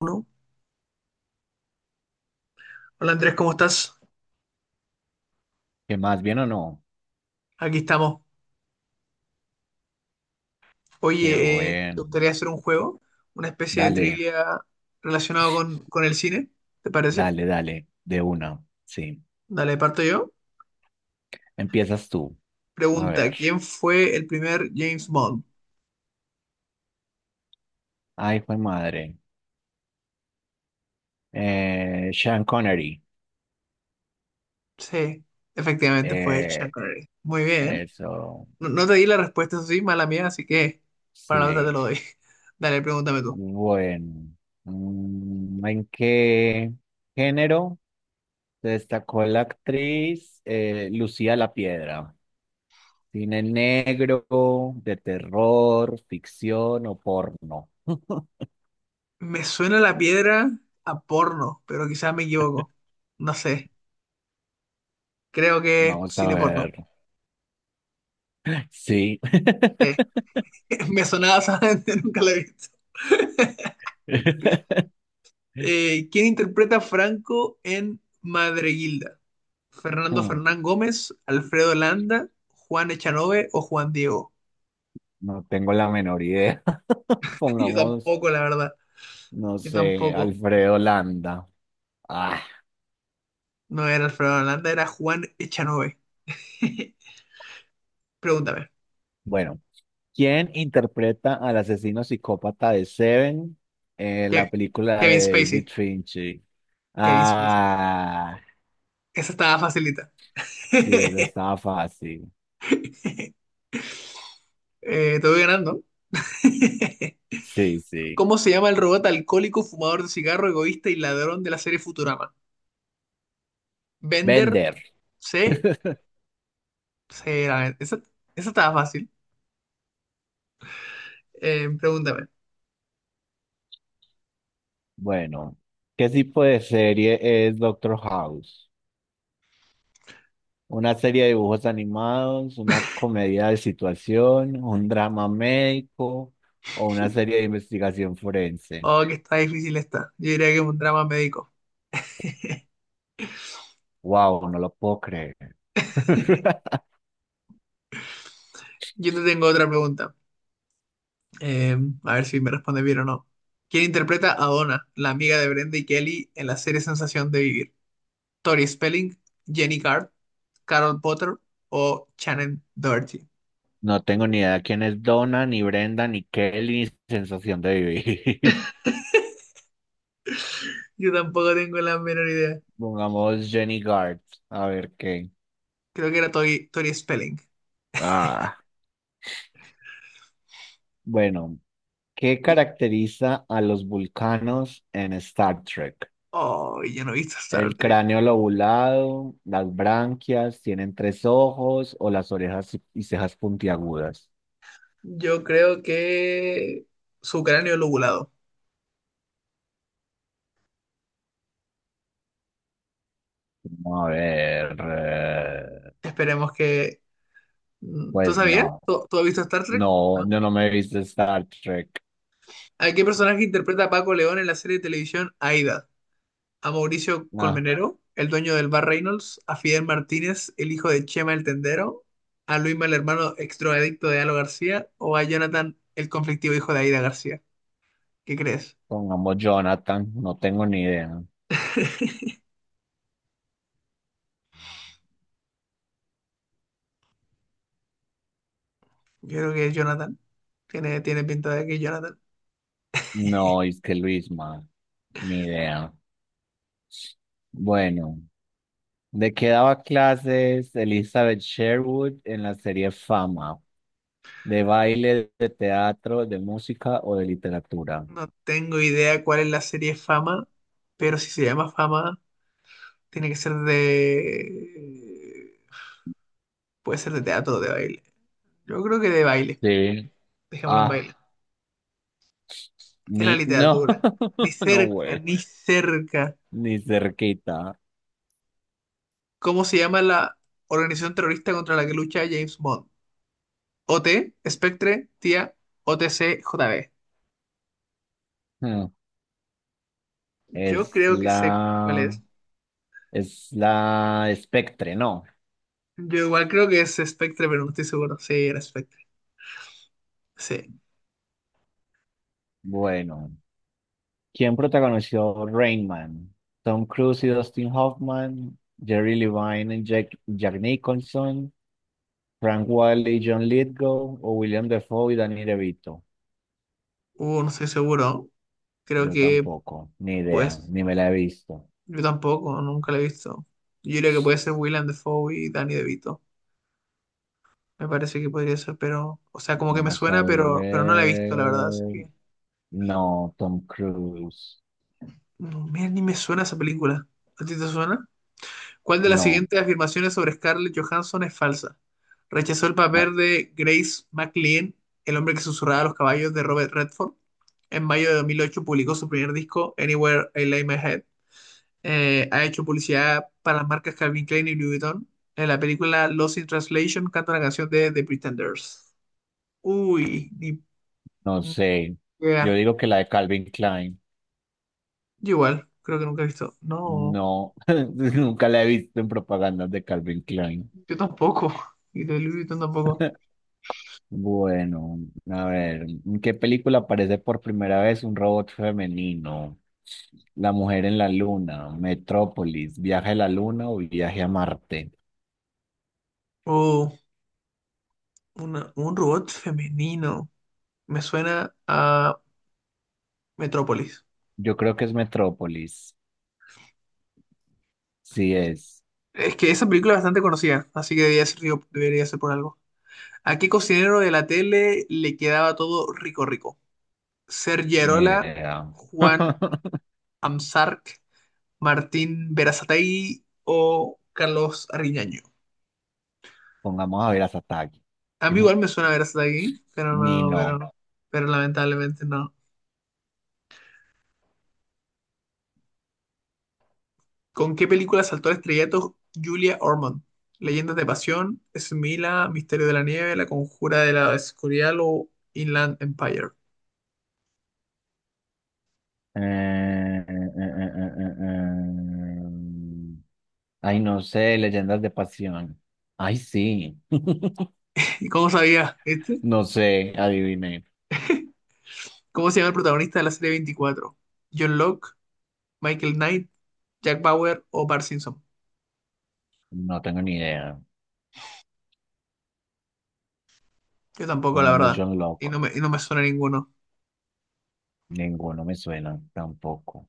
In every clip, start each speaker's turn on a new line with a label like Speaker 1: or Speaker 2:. Speaker 1: Uno. Hola Andrés, ¿cómo estás?
Speaker 2: ¿Qué más? ¿Bien o no?
Speaker 1: Aquí estamos.
Speaker 2: Qué
Speaker 1: Oye, ¿te
Speaker 2: bueno.
Speaker 1: gustaría hacer un juego? Una especie de
Speaker 2: Dale,
Speaker 1: trivia relacionado con el cine, ¿te parece?
Speaker 2: dale, dale, de una. Sí.
Speaker 1: Dale, parto yo.
Speaker 2: Empiezas tú. A
Speaker 1: Pregunta,
Speaker 2: ver.
Speaker 1: ¿quién fue el primer James Bond?
Speaker 2: Ay, fue madre. Sean Connery.
Speaker 1: Sí, efectivamente fue Sean
Speaker 2: Eh,
Speaker 1: Connery. Muy bien.
Speaker 2: Eso.
Speaker 1: No, no te di la respuesta, eso sí, mala mía, así que para la otra te
Speaker 2: Sí.
Speaker 1: lo doy. Dale, pregúntame tú.
Speaker 2: Bueno. ¿En qué género se destacó la actriz Lucía La Piedra? ¿Cine negro, de terror, ficción o porno?
Speaker 1: Me suena la piedra a porno, pero quizás me equivoco. No sé, creo que es
Speaker 2: Vamos a
Speaker 1: cine porno.
Speaker 2: ver. Sí.
Speaker 1: Sí. Me sonaba, ¿sabes? Nunca la he visto. ¿Quién interpreta a Franco en Madreguilda? ¿Fernando
Speaker 2: Mm,
Speaker 1: Fernán Gómez, Alfredo Landa, Juan Echanove o Juan Diego?
Speaker 2: No tengo la menor idea.
Speaker 1: Yo
Speaker 2: Pongamos,
Speaker 1: tampoco, la verdad.
Speaker 2: no
Speaker 1: Yo
Speaker 2: sé,
Speaker 1: tampoco.
Speaker 2: Alfredo Landa. Ah,
Speaker 1: No era Alfredo Landa, era Juan Echanove. Pregúntame.
Speaker 2: bueno. ¿Quién interpreta al asesino psicópata de Seven en
Speaker 1: Ke-
Speaker 2: la película
Speaker 1: Kevin
Speaker 2: de David
Speaker 1: Spacey.
Speaker 2: Fincher?
Speaker 1: Kevin Spacey.
Speaker 2: Ah,
Speaker 1: Esa estaba facilita.
Speaker 2: sí, eso estaba fácil.
Speaker 1: Te voy ganando.
Speaker 2: Sí, sí.
Speaker 1: ¿Cómo se llama el robot alcohólico, fumador de cigarro, egoísta y ladrón de la serie Futurama? ¿Bender,
Speaker 2: Bender.
Speaker 1: sí, sí, la verdad, esa estaba fácil. Pregúntame.
Speaker 2: Bueno, ¿qué tipo de serie es Doctor House? Una serie de dibujos animados, una comedia de situación, un drama médico o una serie de investigación forense.
Speaker 1: Oh, que está difícil esta. Yo diría que es un drama médico.
Speaker 2: Wow, no lo puedo creer.
Speaker 1: Yo te tengo otra pregunta. Eh, a ver si me respondes bien o no. ¿Quién interpreta a Donna, la amiga de Brenda y Kelly en la serie Sensación de Vivir? ¿Tori Spelling, Jenny Card, Carol Potter o Shannon Doherty?
Speaker 2: No tengo ni idea quién es Donna, ni Brenda, ni Kelly, ni Sensación de Vivir.
Speaker 1: Yo tampoco tengo la menor idea.
Speaker 2: Pongamos Jenny Gard, a ver qué.
Speaker 1: Creo que era Tori Spelling.
Speaker 2: Ah, bueno, ¿qué
Speaker 1: Y-
Speaker 2: caracteriza a los vulcanos en Star Trek?
Speaker 1: Oh, yo no he visto Star
Speaker 2: El
Speaker 1: Trek.
Speaker 2: cráneo lobulado, las branquias, tienen tres ojos o las orejas y cejas puntiagudas.
Speaker 1: Yo creo que su cráneo lobulado.
Speaker 2: No, a ver,
Speaker 1: Esperemos que... ¿Tú
Speaker 2: pues
Speaker 1: sabías?
Speaker 2: no,
Speaker 1: ¿Tú has visto Star Trek? No.
Speaker 2: no, yo no me he visto Star Trek.
Speaker 1: ¿A qué personaje interpreta Paco León en la serie de televisión Aída? ¿A Mauricio
Speaker 2: Nah,
Speaker 1: Colmenero, el dueño del bar Reynolds? ¿A Fidel Martínez, el hijo de Chema el Tendero? ¿A Luisma, el hermano extroadicto de Alo García? ¿O a Jonathan, el conflictivo hijo de Aída García? ¿Qué crees?
Speaker 2: pongamos Jonathan, no tengo ni idea.
Speaker 1: Yo creo que es Jonathan. Tiene pinta de que es Jonathan.
Speaker 2: No, es que Luisma, ni idea. Bueno, ¿de qué daba clases Elizabeth Sherwood en la serie Fama? ¿De baile, de teatro, de música o de literatura?
Speaker 1: No tengo idea cuál es la serie Fama, pero si se llama Fama, tiene que ser de... Puede ser de teatro o de baile. Yo creo que de baile.
Speaker 2: Sí.
Speaker 1: Dejémoslo en
Speaker 2: Ah,
Speaker 1: baile. Era
Speaker 2: Ni, no,
Speaker 1: literatura. Ni
Speaker 2: no,
Speaker 1: cerca,
Speaker 2: güey,
Speaker 1: ni cerca.
Speaker 2: ni cerquita.
Speaker 1: ¿Cómo se llama la organización terrorista contra la que lucha James Bond? O T Spectre, TIA, O T C, J JB.
Speaker 2: Hmm,
Speaker 1: Yo
Speaker 2: Es
Speaker 1: creo que sé cuál
Speaker 2: la,
Speaker 1: es.
Speaker 2: es la Spectre, ¿no?
Speaker 1: Yo igual creo que es Spectre, pero no estoy seguro. Sí, era Spectre. Sí.
Speaker 2: Bueno, ¿quién protagonizó Rain Man? Tom Cruise y Dustin Hoffman, Jerry Levine y Jack Nicholson, Frank Wilder y John Lithgow, o William Dafoe y Danny DeVito.
Speaker 1: No estoy seguro. Creo
Speaker 2: Yo
Speaker 1: que,
Speaker 2: tampoco, ni idea,
Speaker 1: pues,
Speaker 2: ni me la he visto.
Speaker 1: yo tampoco, nunca lo he visto. Yo creo que puede ser Willem Dafoe y Danny DeVito. Me parece que podría ser, pero, o sea, como que me
Speaker 2: Vamos a
Speaker 1: suena, pero no la he visto, la verdad. Así
Speaker 2: ver.
Speaker 1: que,
Speaker 2: No, Tom Cruise.
Speaker 1: no, mira, ni me suena esa película. ¿A ti te suena? ¿Cuál de las
Speaker 2: No.
Speaker 1: siguientes afirmaciones sobre Scarlett Johansson es falsa? Rechazó el papel de Grace MacLean, el hombre que susurraba a los caballos de Robert Redford. En mayo de 2008 publicó su primer disco, Anywhere I Lay My Head. Ha hecho publicidad para las marcas Calvin Klein y Louis Vuitton. En la película Lost in Translation canta una canción de The Pretenders. Uy, ni
Speaker 2: No sé, yo
Speaker 1: idea.
Speaker 2: digo que la de Calvin Klein.
Speaker 1: Yo igual, creo que nunca he visto. No,
Speaker 2: No, nunca la he visto en propagandas de Calvin Klein.
Speaker 1: yo tampoco. Y de Louis Vuitton tampoco.
Speaker 2: Bueno, a ver, ¿en qué película aparece por primera vez un robot femenino? La mujer en la luna, Metrópolis, viaje a la luna o viaje a Marte.
Speaker 1: Oh, un robot femenino. Me suena a Metrópolis.
Speaker 2: Yo creo que es Metrópolis. Sí es.
Speaker 1: Es que esa película es bastante conocida, así que debería ser, digo, debería ser por algo. ¿A qué cocinero de la tele le quedaba todo rico rico? Sergio
Speaker 2: Ni
Speaker 1: Arola,
Speaker 2: idea.
Speaker 1: Juan Amsarc, Martín Berazategui o Carlos Arriñaño.
Speaker 2: Pongamos a ver a Satagi.
Speaker 1: A
Speaker 2: Que
Speaker 1: mí igual me suena Berazategui,
Speaker 2: ni no.
Speaker 1: pero no. Pero lamentablemente no. ¿Con qué película saltó al estrellato Julia Ormond? ¿Leyendas de Pasión, Smila, Misterio de la Nieve, La Conjura de la Escorial o Inland Empire?
Speaker 2: Eh, eh, eh, eh, eh, eh. eh, eh, eh, eh, Ay, no sé, leyendas de pasión. Ay, sí.
Speaker 1: ¿Y cómo sabía este?
Speaker 2: No sé, adivine.
Speaker 1: ¿Cómo se llama el protagonista de la serie 24? ¿John Locke, Michael Knight, Jack Bauer o Bart Simpson?
Speaker 2: No tengo ni idea.
Speaker 1: Yo tampoco, la
Speaker 2: Pongamos
Speaker 1: verdad.
Speaker 2: John Locke.
Speaker 1: Y no me suena ninguno.
Speaker 2: Ninguno me suena tampoco.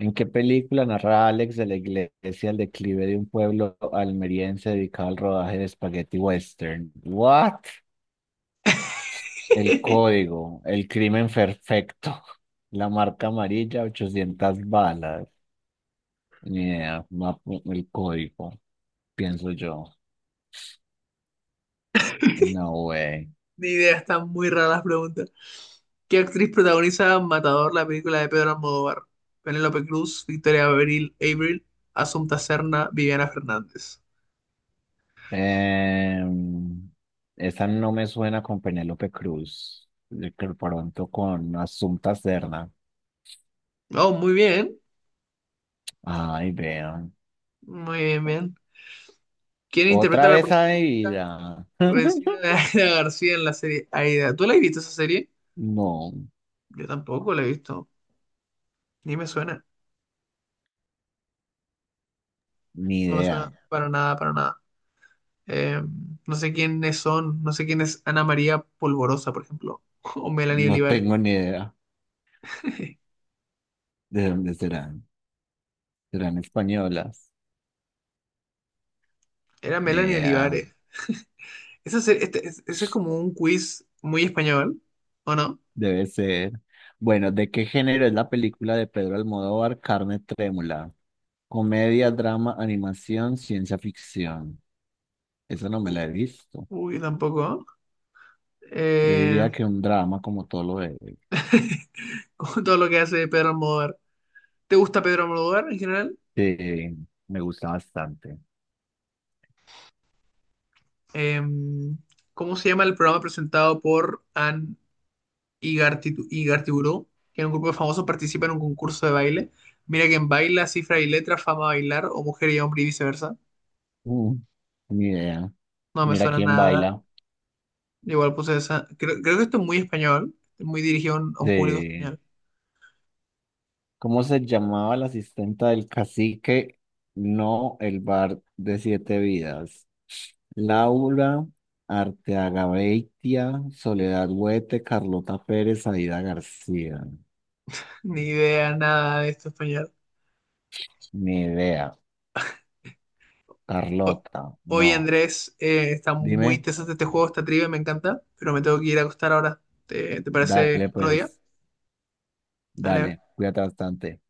Speaker 2: ¿En qué película narra Alex de la iglesia el declive de un pueblo almeriense dedicado al rodaje de spaghetti western? What? El código, el crimen perfecto, la marca amarilla, 800 balas. Ni idea, el código, pienso yo. No way.
Speaker 1: Ni idea, están muy raras las preguntas. ¿Qué actriz protagoniza Matador, la película de Pedro Almodóvar? Penélope Cruz, Abril, Asunta Serna, Viviana Fernández.
Speaker 2: Em, Esa no me suena con Penélope Cruz. De que pronto con Asunta Serna.
Speaker 1: Oh, muy bien.
Speaker 2: Ay, vean.
Speaker 1: Muy bien, bien. ¿Quién interpreta
Speaker 2: Otra
Speaker 1: a la
Speaker 2: vez a mi
Speaker 1: prostituta
Speaker 2: vida.
Speaker 1: vecina de Aida García en la serie Aida? ¿Tú la has visto esa serie?
Speaker 2: No,
Speaker 1: Yo tampoco la he visto. Ni me suena.
Speaker 2: ni
Speaker 1: No me suena
Speaker 2: idea.
Speaker 1: para nada. Eh, no sé quiénes son. No sé quién es Ana María Polvorosa, por ejemplo. O Melanie
Speaker 2: No
Speaker 1: Olivares.
Speaker 2: tengo ni idea de dónde serán. ¿Serán españolas?
Speaker 1: Era
Speaker 2: Ni
Speaker 1: Melanie
Speaker 2: idea.
Speaker 1: Olivares. Ese es como un quiz muy español, ¿o no?
Speaker 2: Debe ser. Bueno, ¿de qué género es la película de Pedro Almodóvar, Carne Trémula? Comedia, drama, animación, ciencia ficción. Esa no me
Speaker 1: U-
Speaker 2: la he visto.
Speaker 1: Uy, tampoco.
Speaker 2: Yo
Speaker 1: Eh,
Speaker 2: diría que un drama, como todo lo de...
Speaker 1: con todo lo que hace Pedro Almodóvar. ¿Te gusta Pedro Almodóvar en general?
Speaker 2: de- me gusta bastante.
Speaker 1: Eh, ¿Cómo se llama el programa presentado por Anne Igartiburu? Que en un grupo de famosos participa en un concurso de baile. Mira que en baila, cifra y letra, fama bailar, o mujer y hombre y viceversa.
Speaker 2: Mm, Ni idea.
Speaker 1: No me
Speaker 2: Mira
Speaker 1: suena
Speaker 2: quién
Speaker 1: nada.
Speaker 2: baila.
Speaker 1: Igual puse esa. Creo que esto es muy español, muy dirigido a un público
Speaker 2: De,
Speaker 1: español.
Speaker 2: ¿Cómo se llamaba la asistenta del cacique? No, el bar de siete vidas. Laura, Arteaga Beitia, Soledad Huete, Carlota Pérez, Aida García.
Speaker 1: Ni idea, nada de esto español.
Speaker 2: Ni idea.
Speaker 1: O-
Speaker 2: Carlota,
Speaker 1: Oye,
Speaker 2: no.
Speaker 1: Andrés, está muy
Speaker 2: Dime.
Speaker 1: interesante este juego, esta trivia, me encanta, pero me tengo que ir a acostar ahora. ¿Te parece
Speaker 2: Dale,
Speaker 1: otro día?
Speaker 2: pues,
Speaker 1: Dale.
Speaker 2: dale, cuídate bastante.